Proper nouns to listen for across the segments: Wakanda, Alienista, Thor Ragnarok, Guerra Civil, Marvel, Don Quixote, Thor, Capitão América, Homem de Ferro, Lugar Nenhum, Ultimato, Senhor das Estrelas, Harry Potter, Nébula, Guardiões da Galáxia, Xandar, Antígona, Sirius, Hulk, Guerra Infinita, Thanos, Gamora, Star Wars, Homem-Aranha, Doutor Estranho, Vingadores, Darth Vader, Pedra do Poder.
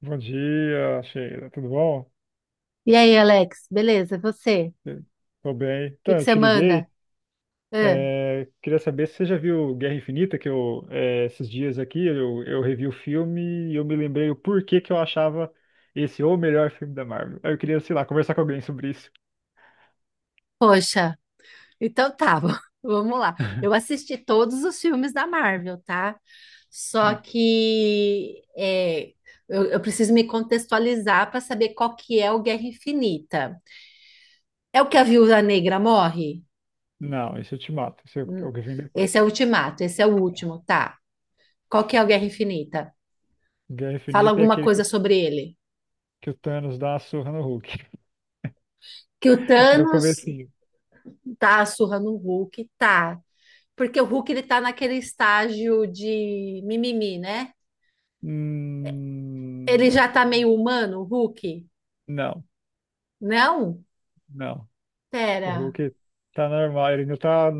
Bom dia, Sheila. Tudo bom? E aí, Alex, beleza? E você? O Tô bem. que Então, que eu você te liguei. manda? Ah, Queria saber se você já viu Guerra Infinita, que esses dias aqui, eu revi o filme e eu me lembrei o porquê que eu achava esse o melhor filme da Marvel. Aí eu queria, sei lá, conversar com alguém sobre isso. poxa, então tá, vamos lá. Eu assisti todos os filmes da Marvel, tá? Só Não, que eu preciso me contextualizar para saber qual que é o Guerra Infinita. É o que a Viúva Negra morre? não, esse eu te mato. Esse é Hum. o que vem depois. Esse é o Ultimato, esse é o É. último, tá? Qual que é o Guerra Infinita? Guerra Fala Infinita é alguma aquele que, coisa sobre ele. que o Thanos dá a surra no Hulk, Que o do Thanos comecinho. dá a surra no Hulk, tá? Porque o Hulk ele tá naquele estágio de mimimi, né? Hum, Ele já tá meio humano, o Hulk? não, Não? não. O Pera. Hulk tá normal, ele não tá.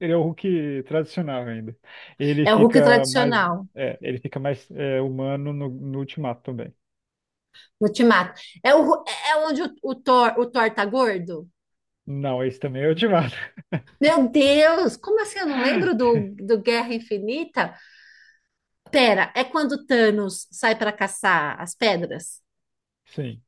Ele é o Hulk tradicional ainda. Ele É o Hulk fica mais. tradicional, É, ele fica mais humano no Ultimato também. Ultimato. É, o, Hu- é é onde o Thor tá gordo? Não, esse também é o Ultimato. Meu Deus, como assim? Eu não lembro do Guerra Infinita? Pera, é quando o Thanos sai para caçar as pedras? Sim.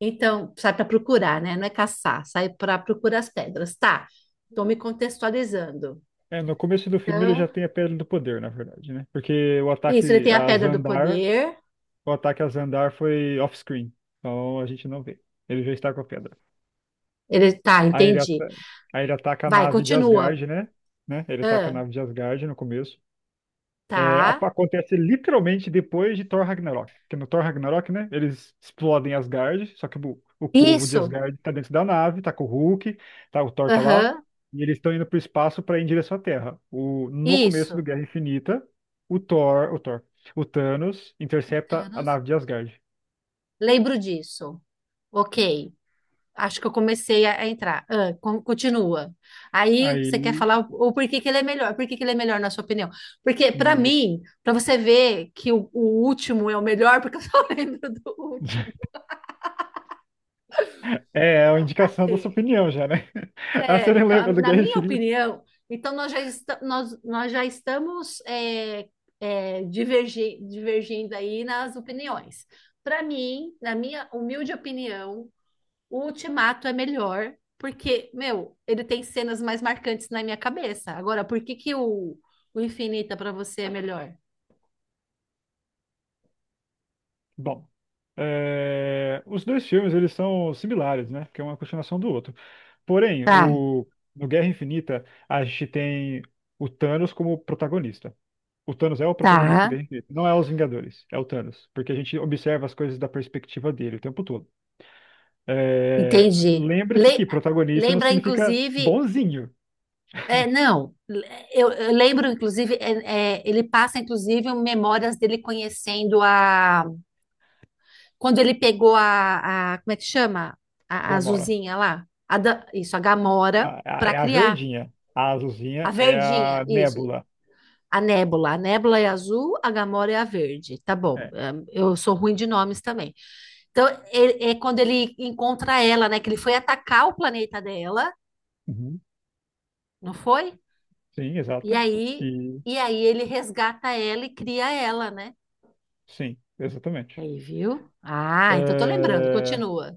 Então, sai para procurar, né? Não é caçar, sai para procurar as pedras. Tá, tô me contextualizando. É, no começo do filme ele Então, já tem a Pedra do Poder, na verdade, né? Porque isso, ele tem a pedra do poder. o ataque a Xandar foi off-screen. Então a gente não vê. Ele já está com a pedra. Ele tá, Aí ele, entendi. ata- aí ele ataca a Vai, nave de continua. Asgard, né? Né? Ele ataca a Ah, nave de Asgard no começo. É, a- tá. acontece literalmente depois de Thor Ragnarok. Porque no Thor Ragnarok, né, eles explodem Asgard, só que o povo de Isso. Asgard tá dentro da nave, tá com o Hulk, tá, o Thor tá lá, Aham. e eles estão indo pro espaço para ir em direção à Terra. No começo do Isso. Guerra Infinita, o Thor, o Thor, o Thanos intercepta a Thanos. nave de Asgard. Lembro disso. Ok. Acho que eu comecei a entrar. Ah, continua. Aí Aí, você quer falar o porquê que ele é melhor? Por que que ele é melhor na sua opinião? Porque para na minha. mim, para você ver que o último é o melhor, porque eu só lembro do último. É uma indicação da sua Assim, opinião já, né? Ah, você não então, lembra do na Guerra minha Infinita? opinião, então nós já estamos divergindo aí nas opiniões. Para mim, na minha humilde opinião, o Ultimato é melhor, porque, meu, ele tem cenas mais marcantes na minha cabeça. Agora, por que que o Infinita para você é melhor? Bom, os dois filmes eles são similares, né? Porque um é uma continuação do outro. Porém, Tá, o... no Guerra Infinita, a gente tem o Thanos como protagonista. O Thanos é o protagonista do tá, Guerra Infinita, não é os Vingadores, é o Thanos, porque a gente observa as coisas da perspectiva dele o tempo todo. É, entendi. lembre-se Le- que protagonista não Lembra, significa inclusive, bonzinho, não, eu lembro, inclusive, ele passa, inclusive, memórias dele conhecendo a... Quando ele pegou como é que chama? A Gamora. azulzinha lá. Isso, a Gamora, para É a criar. verdinha, a A azulzinha é verdinha, a isso. Nébula. A Nébula. A Nébula é azul, a Gamora é a verde. Tá bom, É. Eu sou ruim de nomes também. Então, é quando ele encontra ela, né? Que ele foi atacar o planeta dela, Uhum. não foi? Sim, E exato. aí... E aí ele resgata ela e cria ela, né? Sim, exatamente. Aí, viu? Ah, então tô lembrando. É, Continua.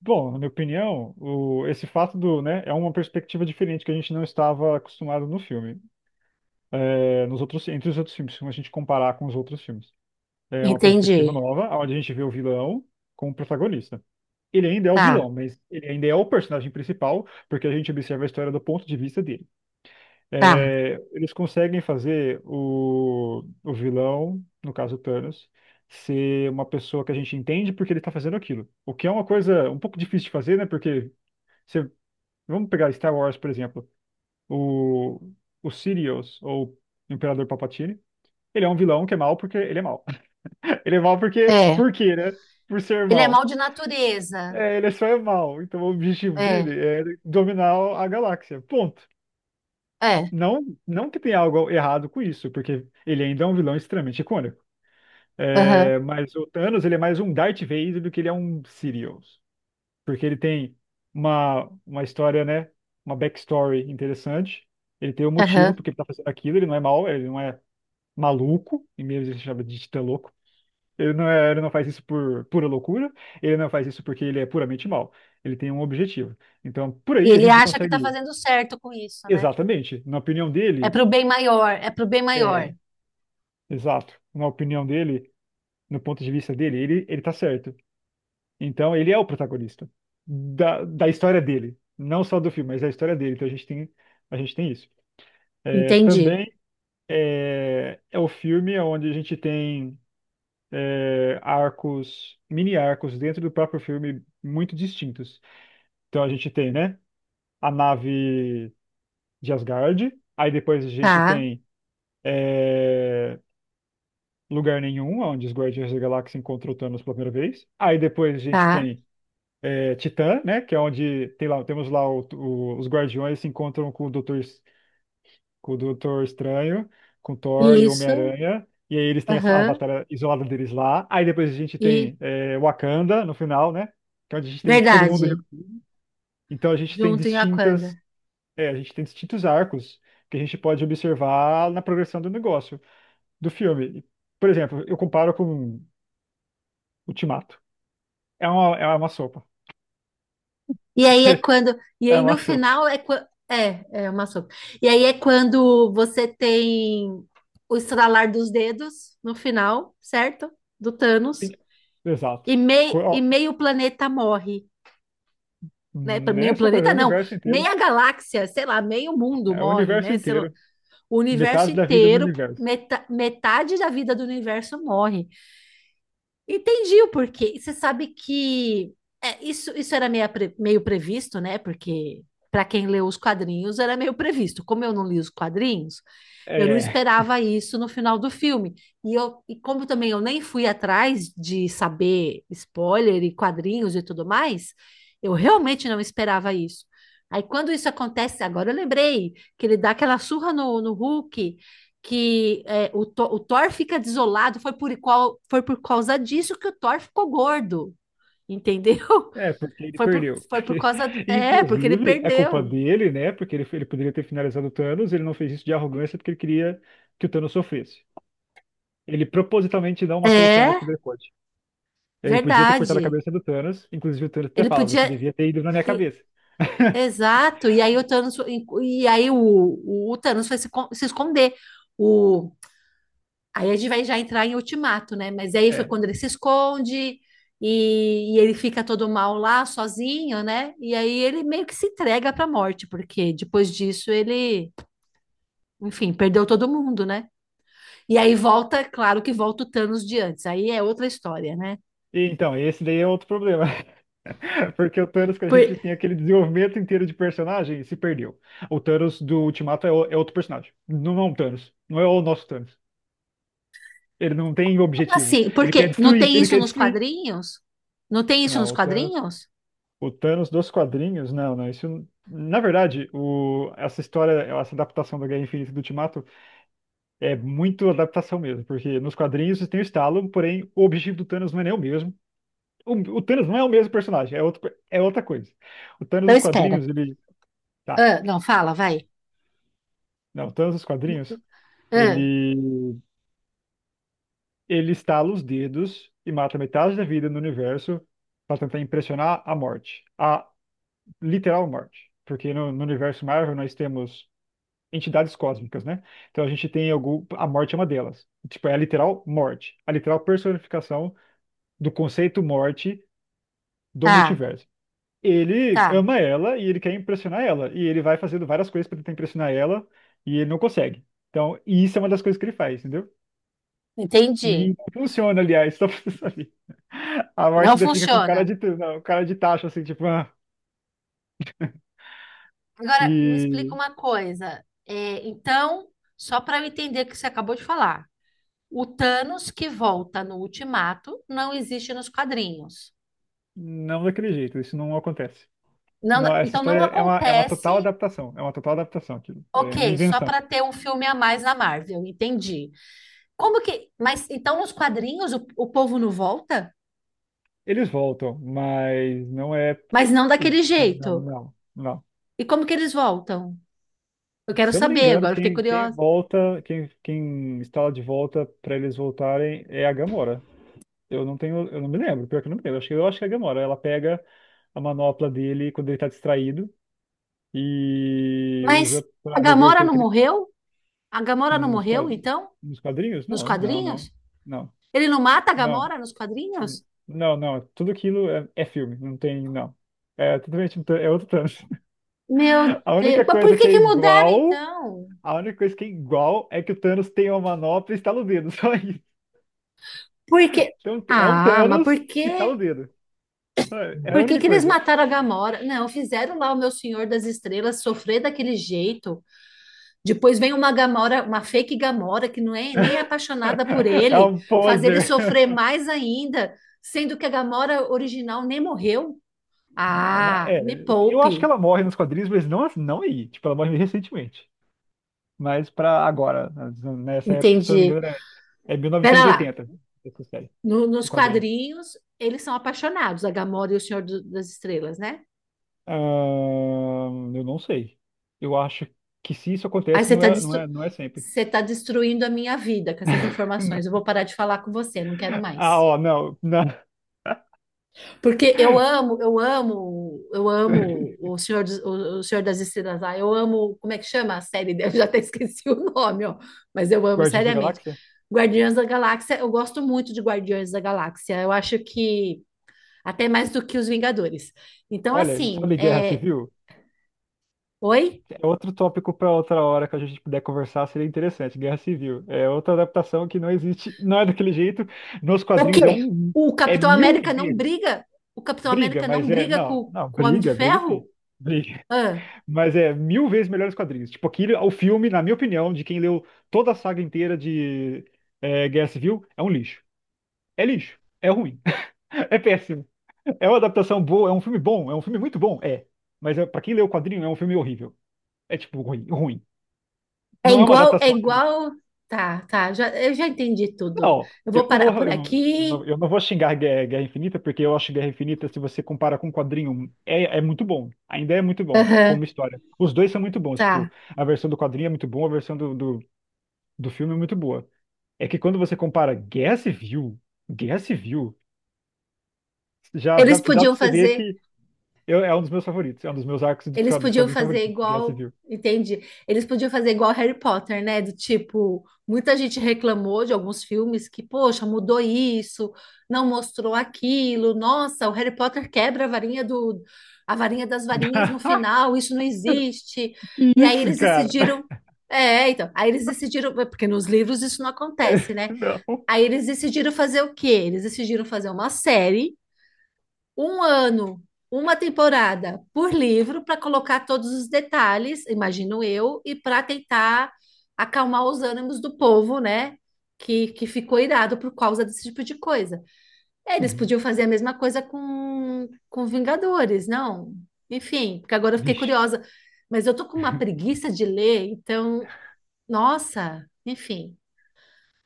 Bom, na minha opinião, esse fato do, né, é uma perspectiva diferente que a gente não estava acostumado no filme. Entre os outros filmes, se a gente comparar com os outros filmes. É uma perspectiva Entendi. nova, onde a gente vê o vilão como protagonista. Ele ainda é o Tá, vilão, mas ele ainda é o personagem principal, porque a gente observa a história do ponto de vista dele. tá. É, eles conseguem fazer o vilão, no caso o Thanos, ser uma pessoa que a gente entende porque ele está fazendo aquilo. O que é uma coisa um pouco difícil de fazer, né? Porque você, vamos pegar Star Wars, por exemplo. O, o Sirius, ou Imperador Palpatine, ele é um vilão que é mal porque ele é mal. Ele é mal porque, É. por quê, né? Por ser Ele é mal mal. de natureza. É, ele é só é mal. Então o objetivo É, dele é dominar a galáxia. Ponto. é. Não, não que tenha algo errado com isso, porque ele ainda é um vilão extremamente icônico. Aham, É, mas o Thanos, ele é mais um Darth Vader do que ele é um Sirius. Porque ele tem uma história, né? Uma backstory interessante. Ele tem um motivo aham. porque ele tá fazendo aquilo. Ele não é mau, ele não é maluco. E mesmo ele se chama de titã louco. Ele não é, ele não faz isso por pura loucura. Ele não faz isso porque ele é puramente mau. Ele tem um objetivo. Então, por E aí a ele gente acha que tá consegue. fazendo certo com isso, né? Exatamente. Na opinião É dele. pro bem maior, é pro bem maior. É, Exato. Na opinião dele, no ponto de vista dele, ele tá certo. Então, ele é o protagonista da história dele. Não só do filme, mas da história dele. Então, a gente tem isso. É, Entendi. também é o filme onde a gente tem arcos, mini arcos dentro do próprio filme muito distintos. Então, a gente tem, né, a nave de Asgard. Aí, depois, a gente Tá, tem é, Lugar Nenhum, onde os Guardiões da Galáxia encontram o Thanos pela primeira vez. Aí depois a gente tá. tem Titã, né? Que é onde temos lá os Guardiões se encontram com o Doutor Estranho, com Thor e o Isso. Homem-Aranha. E aí eles têm a, Aham. batalha isolada deles lá. Aí depois a gente E tem Wakanda no final, né? Que é onde a gente tem todo mundo. verdade. Então a gente tem Junto em distintas, Aquanda. A gente tem distintos arcos que a gente pode observar na progressão do negócio, do filme. Por exemplo, eu comparo com Ultimato. É uma sopa. E aí é quando. E É aí uma no sopa. final é quando. É uma sopa. E aí é quando você tem o estralar dos dedos no final, certo? Do Thanos. Exato. E, mei, Co- e ó, meio planeta morre, né? Meio nem só coisa, é o planeta não, universo inteiro. meia galáxia, sei lá, meio mundo É o morre, universo né? Sei lá, inteiro. o universo Metade da vida do inteiro, universo. Metade da vida do universo morre. Entendi o porquê. E você sabe que isso era meio, meio previsto, né? Porque para quem leu os quadrinhos era meio previsto. Como eu não li os quadrinhos, eu não É, esperava isso no final do filme. E como também eu nem fui atrás de saber spoiler e quadrinhos e tudo mais, eu realmente não esperava isso. Aí quando isso acontece, agora eu lembrei que ele dá aquela surra no Hulk que é, o Thor fica desolado, foi por causa disso que o Thor ficou gordo, entendeu? é porque ele Foi por, perdeu. foi por Porque, causa. É, porque ele inclusive, é culpa perdeu. dele, né? Porque ele poderia ter finalizado o Thanos, ele não fez isso de arrogância porque ele queria que o Thanos sofresse. Ele propositalmente não matou o É, Thanos quando ele pôde. Ele podia ter cortado a verdade. cabeça do Thanos, inclusive o Thanos até Ele fala, você podia. devia ter ido na minha e- cabeça. Exato. E aí o Thanos. E aí o Thanos foi se esconder. O, Aí a gente vai já entrar em Ultimato, né? Mas aí foi É. quando ele se esconde e ele fica todo mal lá, sozinho, né? E aí ele meio que se entrega para a morte, porque depois disso ele, enfim, perdeu todo mundo, né? E aí volta, claro que volta o Thanos de antes. Aí é outra história, né? E, então, esse daí é outro problema. É porque o Thanos que a gente Por, tem aquele desenvolvimento inteiro de personagem se perdeu. O Thanos do Ultimato é outro personagem. Não é um Thanos. Não é o nosso Thanos. Ele não tem como objetivo. assim, Ele quer porque não destruir. tem Ele isso quer nos destruir. quadrinhos? Não tem isso nos Não, o Thanos. quadrinhos? O Thanos dos quadrinhos, não, não. Isso, na verdade, essa história, essa adaptação da Guerra Infinita e do Ultimato é muito adaptação mesmo, porque nos quadrinhos tem o estalo, porém o objetivo do Thanos não é nem o mesmo. O, o Thanos não é o mesmo personagem, é outra coisa. O Thanos Não, dos espera. quadrinhos, ele. Tá. Ah, não, fala, Tá. vai. Não, todos os quadrinhos. Ah, Ele, ele estala os dedos e mata metade da vida no universo para tentar impressionar a morte, a literal morte. Porque no universo Marvel nós temos entidades cósmicas, né? Então a gente tem algum, a morte é uma delas. Tipo, é a literal morte, a literal personificação do conceito morte do tá, multiverso. Ele tá. ama ela e ele quer impressionar ela. E ele vai fazendo várias coisas para tentar impressionar ela e ele não consegue. Então, e isso é uma das coisas que ele faz, entendeu? Entendi. E funciona, aliás, só pra você saber. A morte Não ainda fica com cara funciona. de, não, cara de tacho, assim, tipo, ah, Agora, me explica e uma coisa. Então, só para eu entender o que você acabou de falar, o Thanos que volta no Ultimato não existe nos quadrinhos. não daquele jeito, isso não acontece. Não, Não, essa então, não história é uma acontece. total adaptação, é uma total adaptação, aquilo, é uma Ok, só invenção. para ter um filme a mais na Marvel, entendi. Como que. Mas então nos quadrinhos o povo não volta? Eles voltam, mas não é. Mas não daquele Não, jeito. não, não. E como que eles voltam? Eu quero Se eu não me saber, engano, agora eu fiquei quem curiosa. volta, quem está de volta para eles voltarem é a Gamora. Eu não me lembro, pior que eu não me lembro. Eu acho que é a Gamora. Ela pega a manopla dele quando ele tá distraído e Mas usa a pra reverter Gamora o não que ele fez. morreu? A Gamora não Nos, morreu, qua- então? nos quadrinhos? Nos Não, não, quadrinhos? não, não, Ele não mata a não, Gamora nos n- quadrinhos? não, não. Tudo aquilo é filme, não tem, não. É totalmente, é outro Thanos. Meu A Deus, única mas por coisa que que é que mudaram igual, então? a única coisa que é igual é que o Thanos tem uma manopla e estala o dedo, só isso. Por que? Então, é um Ah, mas Thanos por quê? que estala o dedo. É a Por que única que eles coisa. mataram a Gamora? Não, fizeram lá o meu Senhor das Estrelas sofrer daquele jeito. Depois vem uma Gamora, uma fake Gamora que não é nem é apaixonada por É ele, um fazer ele poser. sofrer mais ainda, sendo que a Gamora original nem morreu. Na- na- Ah, me É, eu acho que poupe. ela morre nos quadrinhos, mas não, não aí. Tipo, ela morre recentemente. Mas pra agora, nessa época, que, se eu não me Entendi. engano, é mil Pera novecentos e lá. oitenta essa série, Nos o quadrinho. quadrinhos, eles são apaixonados, a Gamora e o Senhor das Estrelas, né? Eu não sei. Eu acho que se isso Aí acontece, você tá, destru... não é sempre. você tá destruindo a minha vida com essas informações. Eu vou parar de falar com você, não quero Ah, mais. ó, não, não. Porque eu amo, eu amo, eu amo o Senhor, o Senhor das Estrelas lá. Eu amo, como é que chama a série dele? Eu já até esqueci o nome, ó. Mas eu amo, Guardiões da seriamente. Galáxia? Guardiões da Galáxia, eu gosto muito de Guardiões da Galáxia. Eu acho que até mais do que os Vingadores. Então, Olha, assim, sabe Guerra é... Civil? Oi? É outro tópico para outra hora que a gente puder conversar, seria interessante. Guerra Civil. É outra adaptação que não existe, não é daquele jeito. Nos O quadrinhos quê? O é Capitão mil América não vezes briga? O Capitão briga, América não mas briga não, com, não, com o Homem de briga, briga sim. Ferro? Briga. Ah, Mas é mil vezes melhor os quadrinhos. Tipo, aquilo, o filme, na minha opinião, de quem leu toda a saga inteira de Guerra Civil, é um lixo. É lixo. É ruim. É péssimo. É uma adaptação boa, é um filme bom, é um filme muito bom, é. Mas para quem leu o quadrinho, é um filme horrível. É tipo ruim, ruim. é Não é uma igual, é adaptação. igual. Tá, tá, eu já entendi tudo. Não, Eu vou parar por aqui. eu não vou xingar Guerra Infinita, porque eu acho Guerra Infinita, se você compara com o quadrinho, é muito bom. Ainda é muito bom, Aham, como história. Os dois são muito bons, tipo, tá. a versão do quadrinho é muito boa, a versão do filme é muito boa. É que quando você compara Guerra Civil, Guerra Civil, já Eles dá pra podiam você ver fazer. que é um dos meus favoritos, é um dos meus arcos dos Eles dos podiam quadrinhos fazer favoritos, Guerra igual, Civil. entende? Eles podiam fazer igual Harry Potter, né? Do tipo, muita gente reclamou de alguns filmes que, poxa, mudou isso, não mostrou aquilo. Nossa, o Harry Potter quebra a varinha a varinha das varinhas no final, isso não existe. Que E aí isso, eles cara? decidiram, então, aí eles decidiram, porque nos livros isso não acontece, né? Não. Aí eles decidiram fazer o quê? Eles decidiram fazer uma série um ano, uma temporada por livro para colocar todos os detalhes, imagino eu, e para tentar acalmar os ânimos do povo, né? Que ficou irado por causa desse tipo de coisa. Eles Uhum. podiam fazer a mesma coisa com Vingadores, não? Enfim, porque agora eu fiquei Vixe. curiosa. Mas eu tô com uma preguiça de ler, então, nossa, enfim.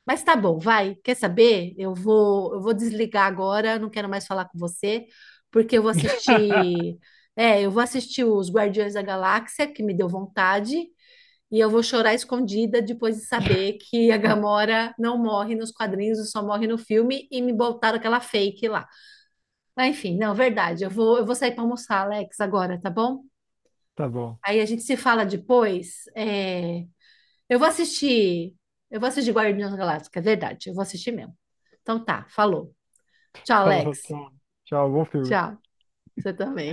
Mas tá bom, vai. Quer saber? Eu vou desligar agora, não quero mais falar com você, porque eu vou assistir, é, eu vou assistir os Guardiões da Galáxia, que me deu vontade, e eu vou chorar escondida depois de saber que a Gamora não morre nos quadrinhos, só morre no filme e me botaram aquela fake lá. Mas enfim, não, verdade. Eu vou sair para almoçar, Alex, agora, tá bom? Tá bom. Aí a gente se fala depois. Eu vou assistir. Eu vou assistir Guardiões da Galáxia, é verdade. Eu vou assistir mesmo. Então tá, falou. Tchau, Falou, Alex. tchau. Tchau, bom filme. Tchau. Você também.